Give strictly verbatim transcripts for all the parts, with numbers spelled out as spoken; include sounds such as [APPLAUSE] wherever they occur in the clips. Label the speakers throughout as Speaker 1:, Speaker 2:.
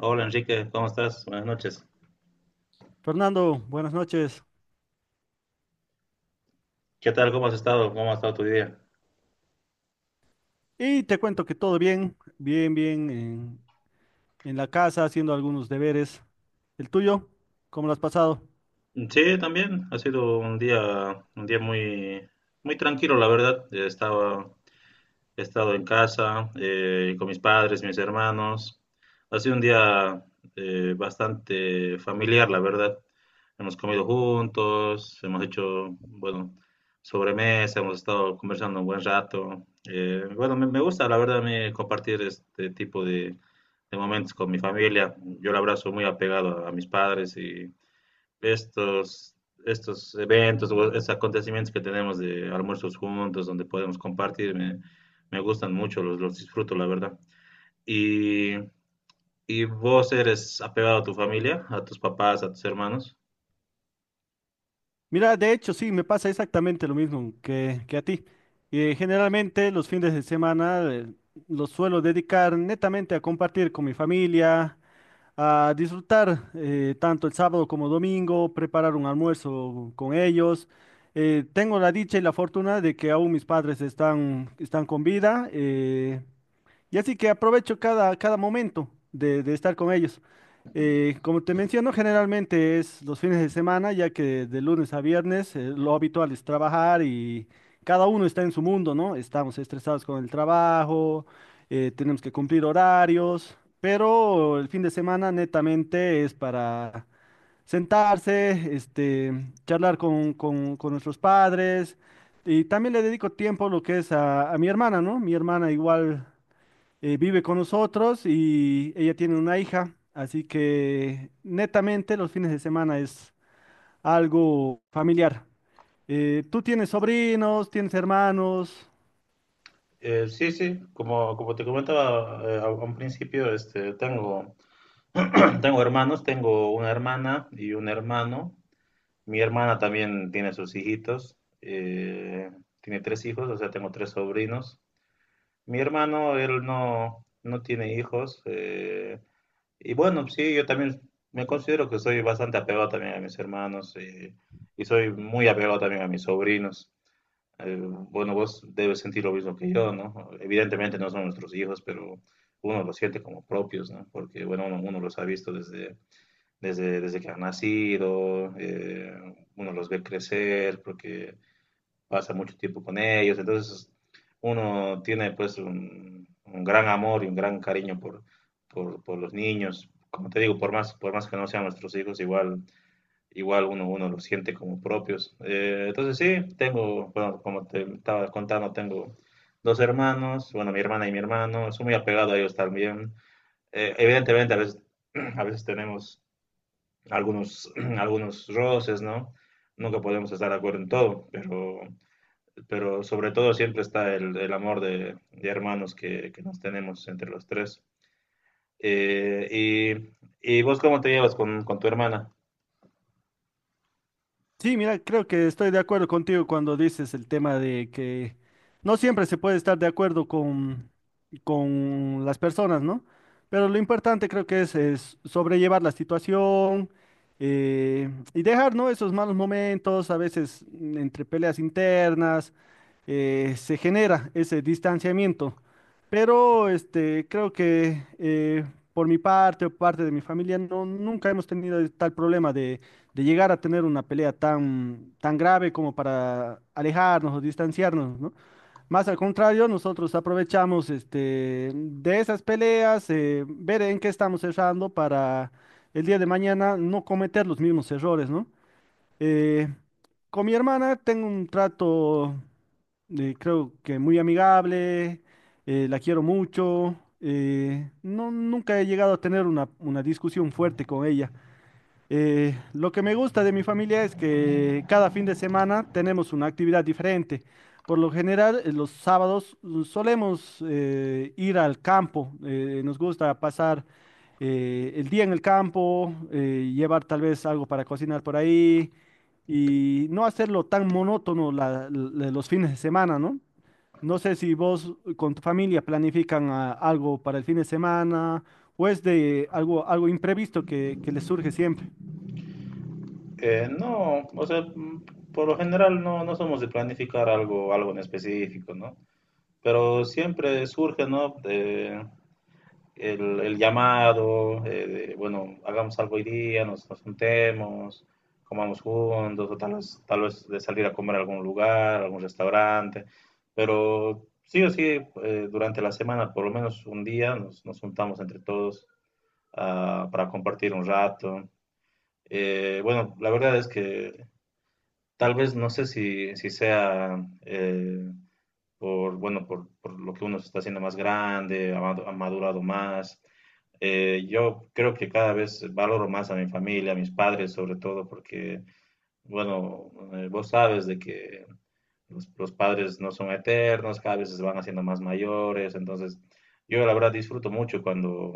Speaker 1: Hola Enrique, ¿cómo estás? Buenas noches.
Speaker 2: Fernando, buenas noches.
Speaker 1: ¿Qué tal? ¿Cómo has estado? ¿Cómo ha estado tu día?
Speaker 2: Y te cuento que todo bien, bien, bien en, en la casa, haciendo algunos deberes. ¿El tuyo? ¿Cómo lo has pasado?
Speaker 1: Sí, también ha sido un día, un día muy, muy tranquilo, la verdad. Estaba, He estado en casa eh, con mis padres, mis hermanos. Ha sido un día eh, bastante familiar, la verdad. Hemos comido juntos, hemos hecho, bueno, sobremesa, hemos estado conversando un buen rato. Eh, bueno, me, me gusta, la verdad, a compartir este tipo de, de momentos con mi familia. Yo la abrazo muy apegado a, a mis padres y estos, estos eventos o estos acontecimientos que tenemos de almuerzos juntos, donde podemos compartir, me, me gustan mucho, los, los disfruto, la verdad. Y, y, ¿vos eres apegado a tu familia, a tus papás, a tus hermanos?
Speaker 2: Mira, de hecho, sí, me pasa exactamente lo mismo que, que a ti. Eh, generalmente los fines de semana eh, los suelo dedicar netamente a compartir con mi familia, a disfrutar, eh, tanto el sábado como domingo, preparar un almuerzo con ellos. Eh, tengo la dicha y la fortuna de que aún mis padres están, están con vida. eh, Y así que aprovecho cada, cada momento de, de estar con ellos. Eh, como te menciono, generalmente es los fines de semana, ya que de lunes a viernes, eh, lo habitual es trabajar y cada uno está en su mundo, ¿no? Estamos estresados con el trabajo, eh, tenemos que cumplir horarios, pero el fin de semana netamente es para sentarse, este, charlar con, con- con nuestros padres, y también le dedico tiempo lo que es a, a mi hermana, ¿no? Mi hermana igual, eh, vive con nosotros y ella tiene una hija, así que netamente los fines de semana es algo familiar. Eh, ¿tú tienes sobrinos, tienes hermanos?
Speaker 1: Eh, sí, sí, como, como te comentaba eh, a a un principio, este, tengo, [CLEARS THROAT] tengo hermanos, tengo una hermana y un hermano. Mi hermana también tiene sus hijitos, eh, tiene tres hijos, o sea, tengo tres sobrinos. Mi hermano, él no, no tiene hijos. eh, y bueno, sí, yo también me considero que soy bastante apegado también a mis hermanos eh, y, soy muy apegado también a mis sobrinos. Eh, bueno, vos debes sentir lo mismo que yo, ¿no? Evidentemente no son nuestros hijos, pero uno los siente como propios, ¿no? Porque, bueno, uno, uno los ha visto desde, desde, desde que han nacido, eh, uno los ve crecer, porque pasa mucho tiempo con ellos, entonces uno tiene pues un, un gran amor y un gran cariño por, por, por los niños, como te digo, por más, por más que no sean nuestros hijos, igual, igual uno, uno los siente como propios. Eh, entonces sí, tengo, bueno, como te estaba contando, tengo dos hermanos, bueno, mi hermana y mi hermano, soy muy apegado a ellos también. Eh, evidentemente, a veces, [CLEARS THROAT] a veces tenemos algunos, [CLEARS THROAT] algunos roces, ¿no? Nunca podemos estar de acuerdo en todo, pero pero sobre todo siempre está el, el amor de, de hermanos que, que, nos tenemos entre los tres. Eh, y, y, ¿vos cómo te llevas con, con tu hermana?
Speaker 2: Sí, mira, creo que estoy de acuerdo contigo cuando dices el tema de que no siempre se puede estar de acuerdo con, con las personas, ¿no? Pero lo importante creo que es, es sobrellevar la situación, eh, y dejar, ¿no?, esos malos momentos. A veces mm, entre peleas internas, eh, se genera ese distanciamiento. Pero este, creo que, eh, por mi parte o parte de mi familia, no, nunca hemos tenido tal problema de, de llegar a tener una pelea tan, tan grave como para alejarnos o distanciarnos, ¿no? Más al contrario, nosotros aprovechamos este, de esas peleas, eh, ver en qué estamos errando para el día de mañana no cometer los mismos errores, ¿no? Eh, con mi hermana tengo un trato, eh, creo que muy amigable. Eh, la quiero mucho. eh, no, Nunca he llegado a tener una, una discusión fuerte con ella. Eh, lo que me gusta de mi familia es que cada fin de semana tenemos una actividad diferente. Por lo general, eh, los sábados mm, solemos, eh, ir al campo. Eh, nos gusta pasar, eh, el día en el campo, eh, llevar tal vez algo para cocinar por ahí y no hacerlo tan monótono la- la- los fines de semana, ¿no? No sé si vos, eh, con tu familia, planifican ah, algo para el fin de semana o es de algo, algo imprevisto que que les surge siempre.
Speaker 1: Eh, no, o sea, mm, por lo general no, no somos de planificar algo, algo en específico, ¿no? Pero siempre surge, ¿no? De, el, el llamado, eh, de, bueno, hagamos algo hoy día, nos, nos juntemos, comamos juntos, o tal vez, tal vez de salir a comer a algún lugar, a algún restaurante, pero sí o sí, eh, durante la semana, por lo menos un día, nos, nos juntamos entre todos ah, para compartir un rato. Eh, bueno, la verdad es que tal vez no sé si, si sea eh, por, bueno, por, por lo que uno se está haciendo más grande, ha madu- ha madurado más, eh, yo creo que cada vez valoro más a mi familia, a mis padres sobre todo, porque, bueno, eh, vos sabes de que los, los padres no son eternos, cada vez se van haciendo más mayores, entonces yo la verdad disfruto mucho cuando,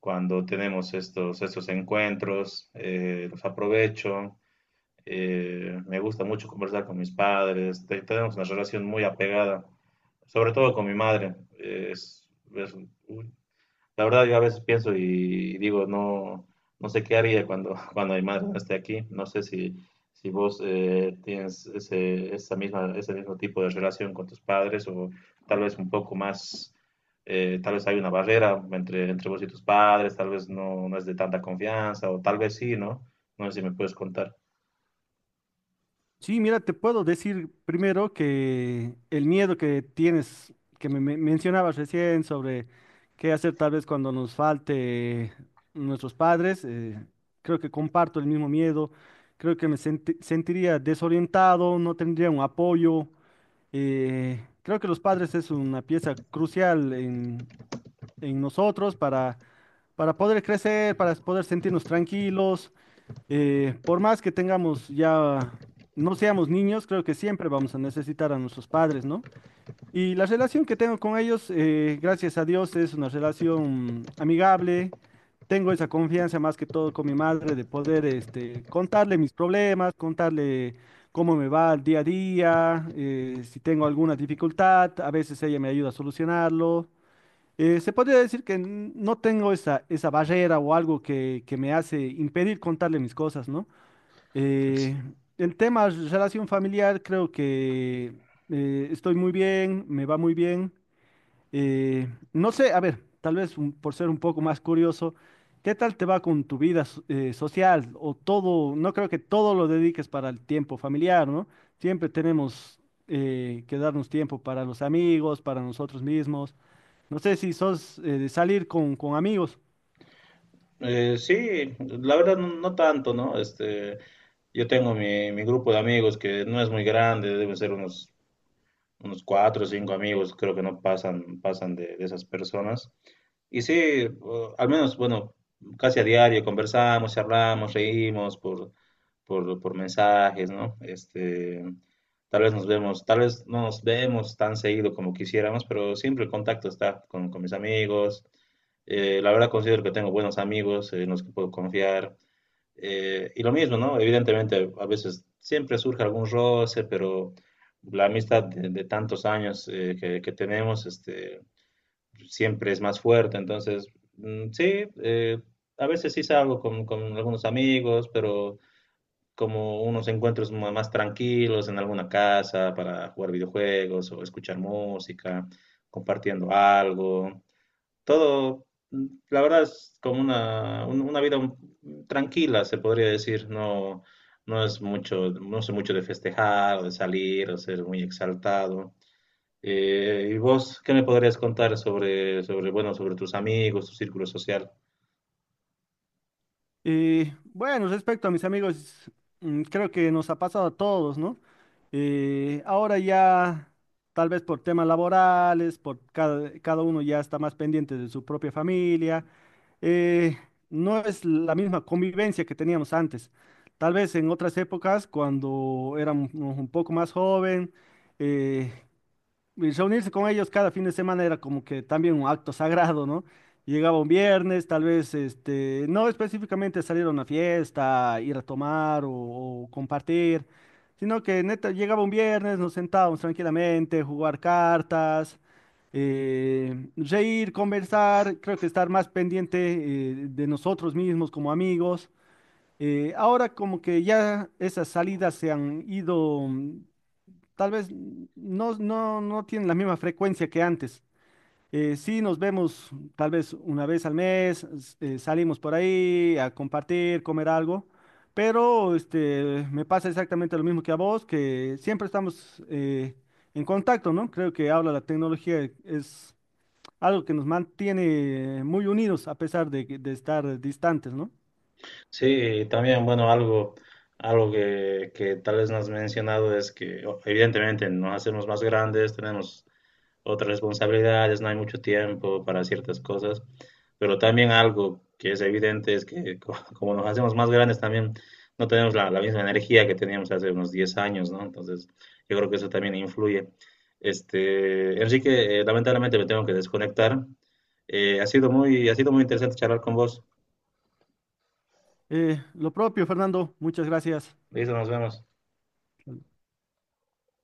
Speaker 1: cuando tenemos estos, estos encuentros, eh, los aprovecho, eh, me gusta mucho conversar con mis padres, te- tenemos una relación muy apegada, sobre todo con mi madre, eh, es, es- la verdad, yo a veces pienso y digo, no, no sé qué haría cuando, [LAUGHS] cuando mi madre no esté aquí. No sé si, si vos eh, tienes ese, esa misma, ese mismo tipo de relación con tus padres o tal vez un poco más, eh, tal vez hay una barrera entre, entre vos y tus padres, tal vez no, no es de tanta confianza o tal vez sí, ¿no? No sé si me puedes contar.
Speaker 2: Sí, mira, te puedo decir primero que el miedo que tienes, que me, me mencionabas recién sobre qué hacer tal vez cuando nos falte nuestros padres, eh, creo que comparto el mismo miedo, creo que me senti- sentiría desorientado, no tendría un apoyo. Eh, creo que los padres es una pieza crucial en, en nosotros para, para poder crecer, para poder sentirnos tranquilos. Eh, por más que tengamos ya, no seamos niños, creo que siempre vamos a necesitar a nuestros padres, ¿no? Y la relación que tengo con ellos, eh, gracias a Dios, es una relación amigable. Tengo esa confianza más que todo con mi madre de poder, este, contarle mis problemas, contarle cómo me va el día a día. Eh, si tengo alguna dificultad, a veces ella me ayuda a solucionarlo. Eh, se podría decir que n- no tengo esa, esa barrera o algo que, que me hace impedir contarle mis cosas, ¿no? Eh, en temas de relación familiar, creo que, eh, estoy muy bien, me va muy bien. Eh, no sé, a ver, tal vez un- por ser un poco más curioso, ¿qué tal te va con tu vida so- eh, social? O todo, no creo que todo lo dediques para el tiempo familiar, ¿no? Siempre tenemos, eh, que darnos tiempo para los amigos, para nosotros mismos. No sé si sos, eh, de salir con, con amigos.
Speaker 1: Eh, sí, la verdad no, no tanto, ¿no? Este, yo tengo mi, mi grupo de amigos que no es muy grande, deben ser unos unos cuatro o cinco amigos, creo que no pasan, pasan de, de esas personas. Y sí, eh, al menos, bueno, casi a diario conversamos, charlamos, reímos por, por, por mensajes, ¿no? Este, tal vez nos vemos, tal vez no nos vemos tan seguido como quisiéramos, pero siempre el contacto está con, con mis amigos. Eh, la verdad considero que tengo buenos amigos eh, en los que puedo confiar. Eh, y lo mismo, ¿no? Evidentemente, a veces siempre surge algún roce, pero la amistad de, de tantos años eh, que, que tenemos este, siempre es más fuerte. Entonces, mm, sí, eh, a veces sí salgo con, con algunos amigos, pero como unos encuentros ma- más tranquilos en alguna casa para jugar videojuegos o escuchar música, compartiendo algo todo, la verdad es como una, un- una vida un- tranquila, se podría decir, no, no es mucho, no sé mucho de festejar o de salir o ser muy exaltado. Eh, ¿y vos qué me podrías contar sobre, sobre, bueno, sobre tus amigos, tu círculo social?
Speaker 2: Y bueno, respecto a mis amigos, mm, creo que nos ha pasado a todos, ¿no? Eh, ahora ya, tal vez por temas laborales, por cada, cada uno ya está más pendiente de su propia familia. eh, no es la misma convivencia que teníamos antes. Tal vez en otras épocas, cuando éramos un poco más joven, eh, y reunirse con ellos cada fin de semana era como que también un acto sagrado, ¿no? Llegaba un viernes, tal vez, este, no específicamente salir a una fiesta, ir a tomar o, o compartir, sino que neta, llegaba un viernes, nos sentábamos tranquilamente, jugar cartas, eh, reír, conversar, creo que estar más pendiente, eh, de nosotros mismos como amigos. Eh, ahora como que ya esas salidas se han ido. mm, Tal vez no, no, no tienen la misma frecuencia que antes. Eh, sí nos vemos tal vez una vez al mes, s- eh, salimos por ahí a compartir, comer algo, pero este, me pasa exactamente lo mismo que a vos, que siempre estamos, eh, en contacto, ¿no? Creo que ahora la tecnología es algo que nos mantiene muy unidos a pesar de, que- de estar distantes, ¿no?
Speaker 1: Sí, también, bueno, algo, algo que, que tal vez no has mencionado es que o- evidentemente nos hacemos más grandes, tenemos otras responsabilidades, no hay mucho tiempo para ciertas cosas, pero también algo que es evidente es que [LAUGHS] co- como nos hacemos más grandes también no tenemos la, la misma energía que teníamos hace unos diez años, ¿no? Entonces, yo creo que eso también influye. Este, Enrique, eh, lamentablemente me tengo que desconectar. Eh, ha sido muy, ha sido muy interesante charlar con vos.
Speaker 2: Eh, lo propio, Fernando, muchas gracias.
Speaker 1: Listo, nos vemos.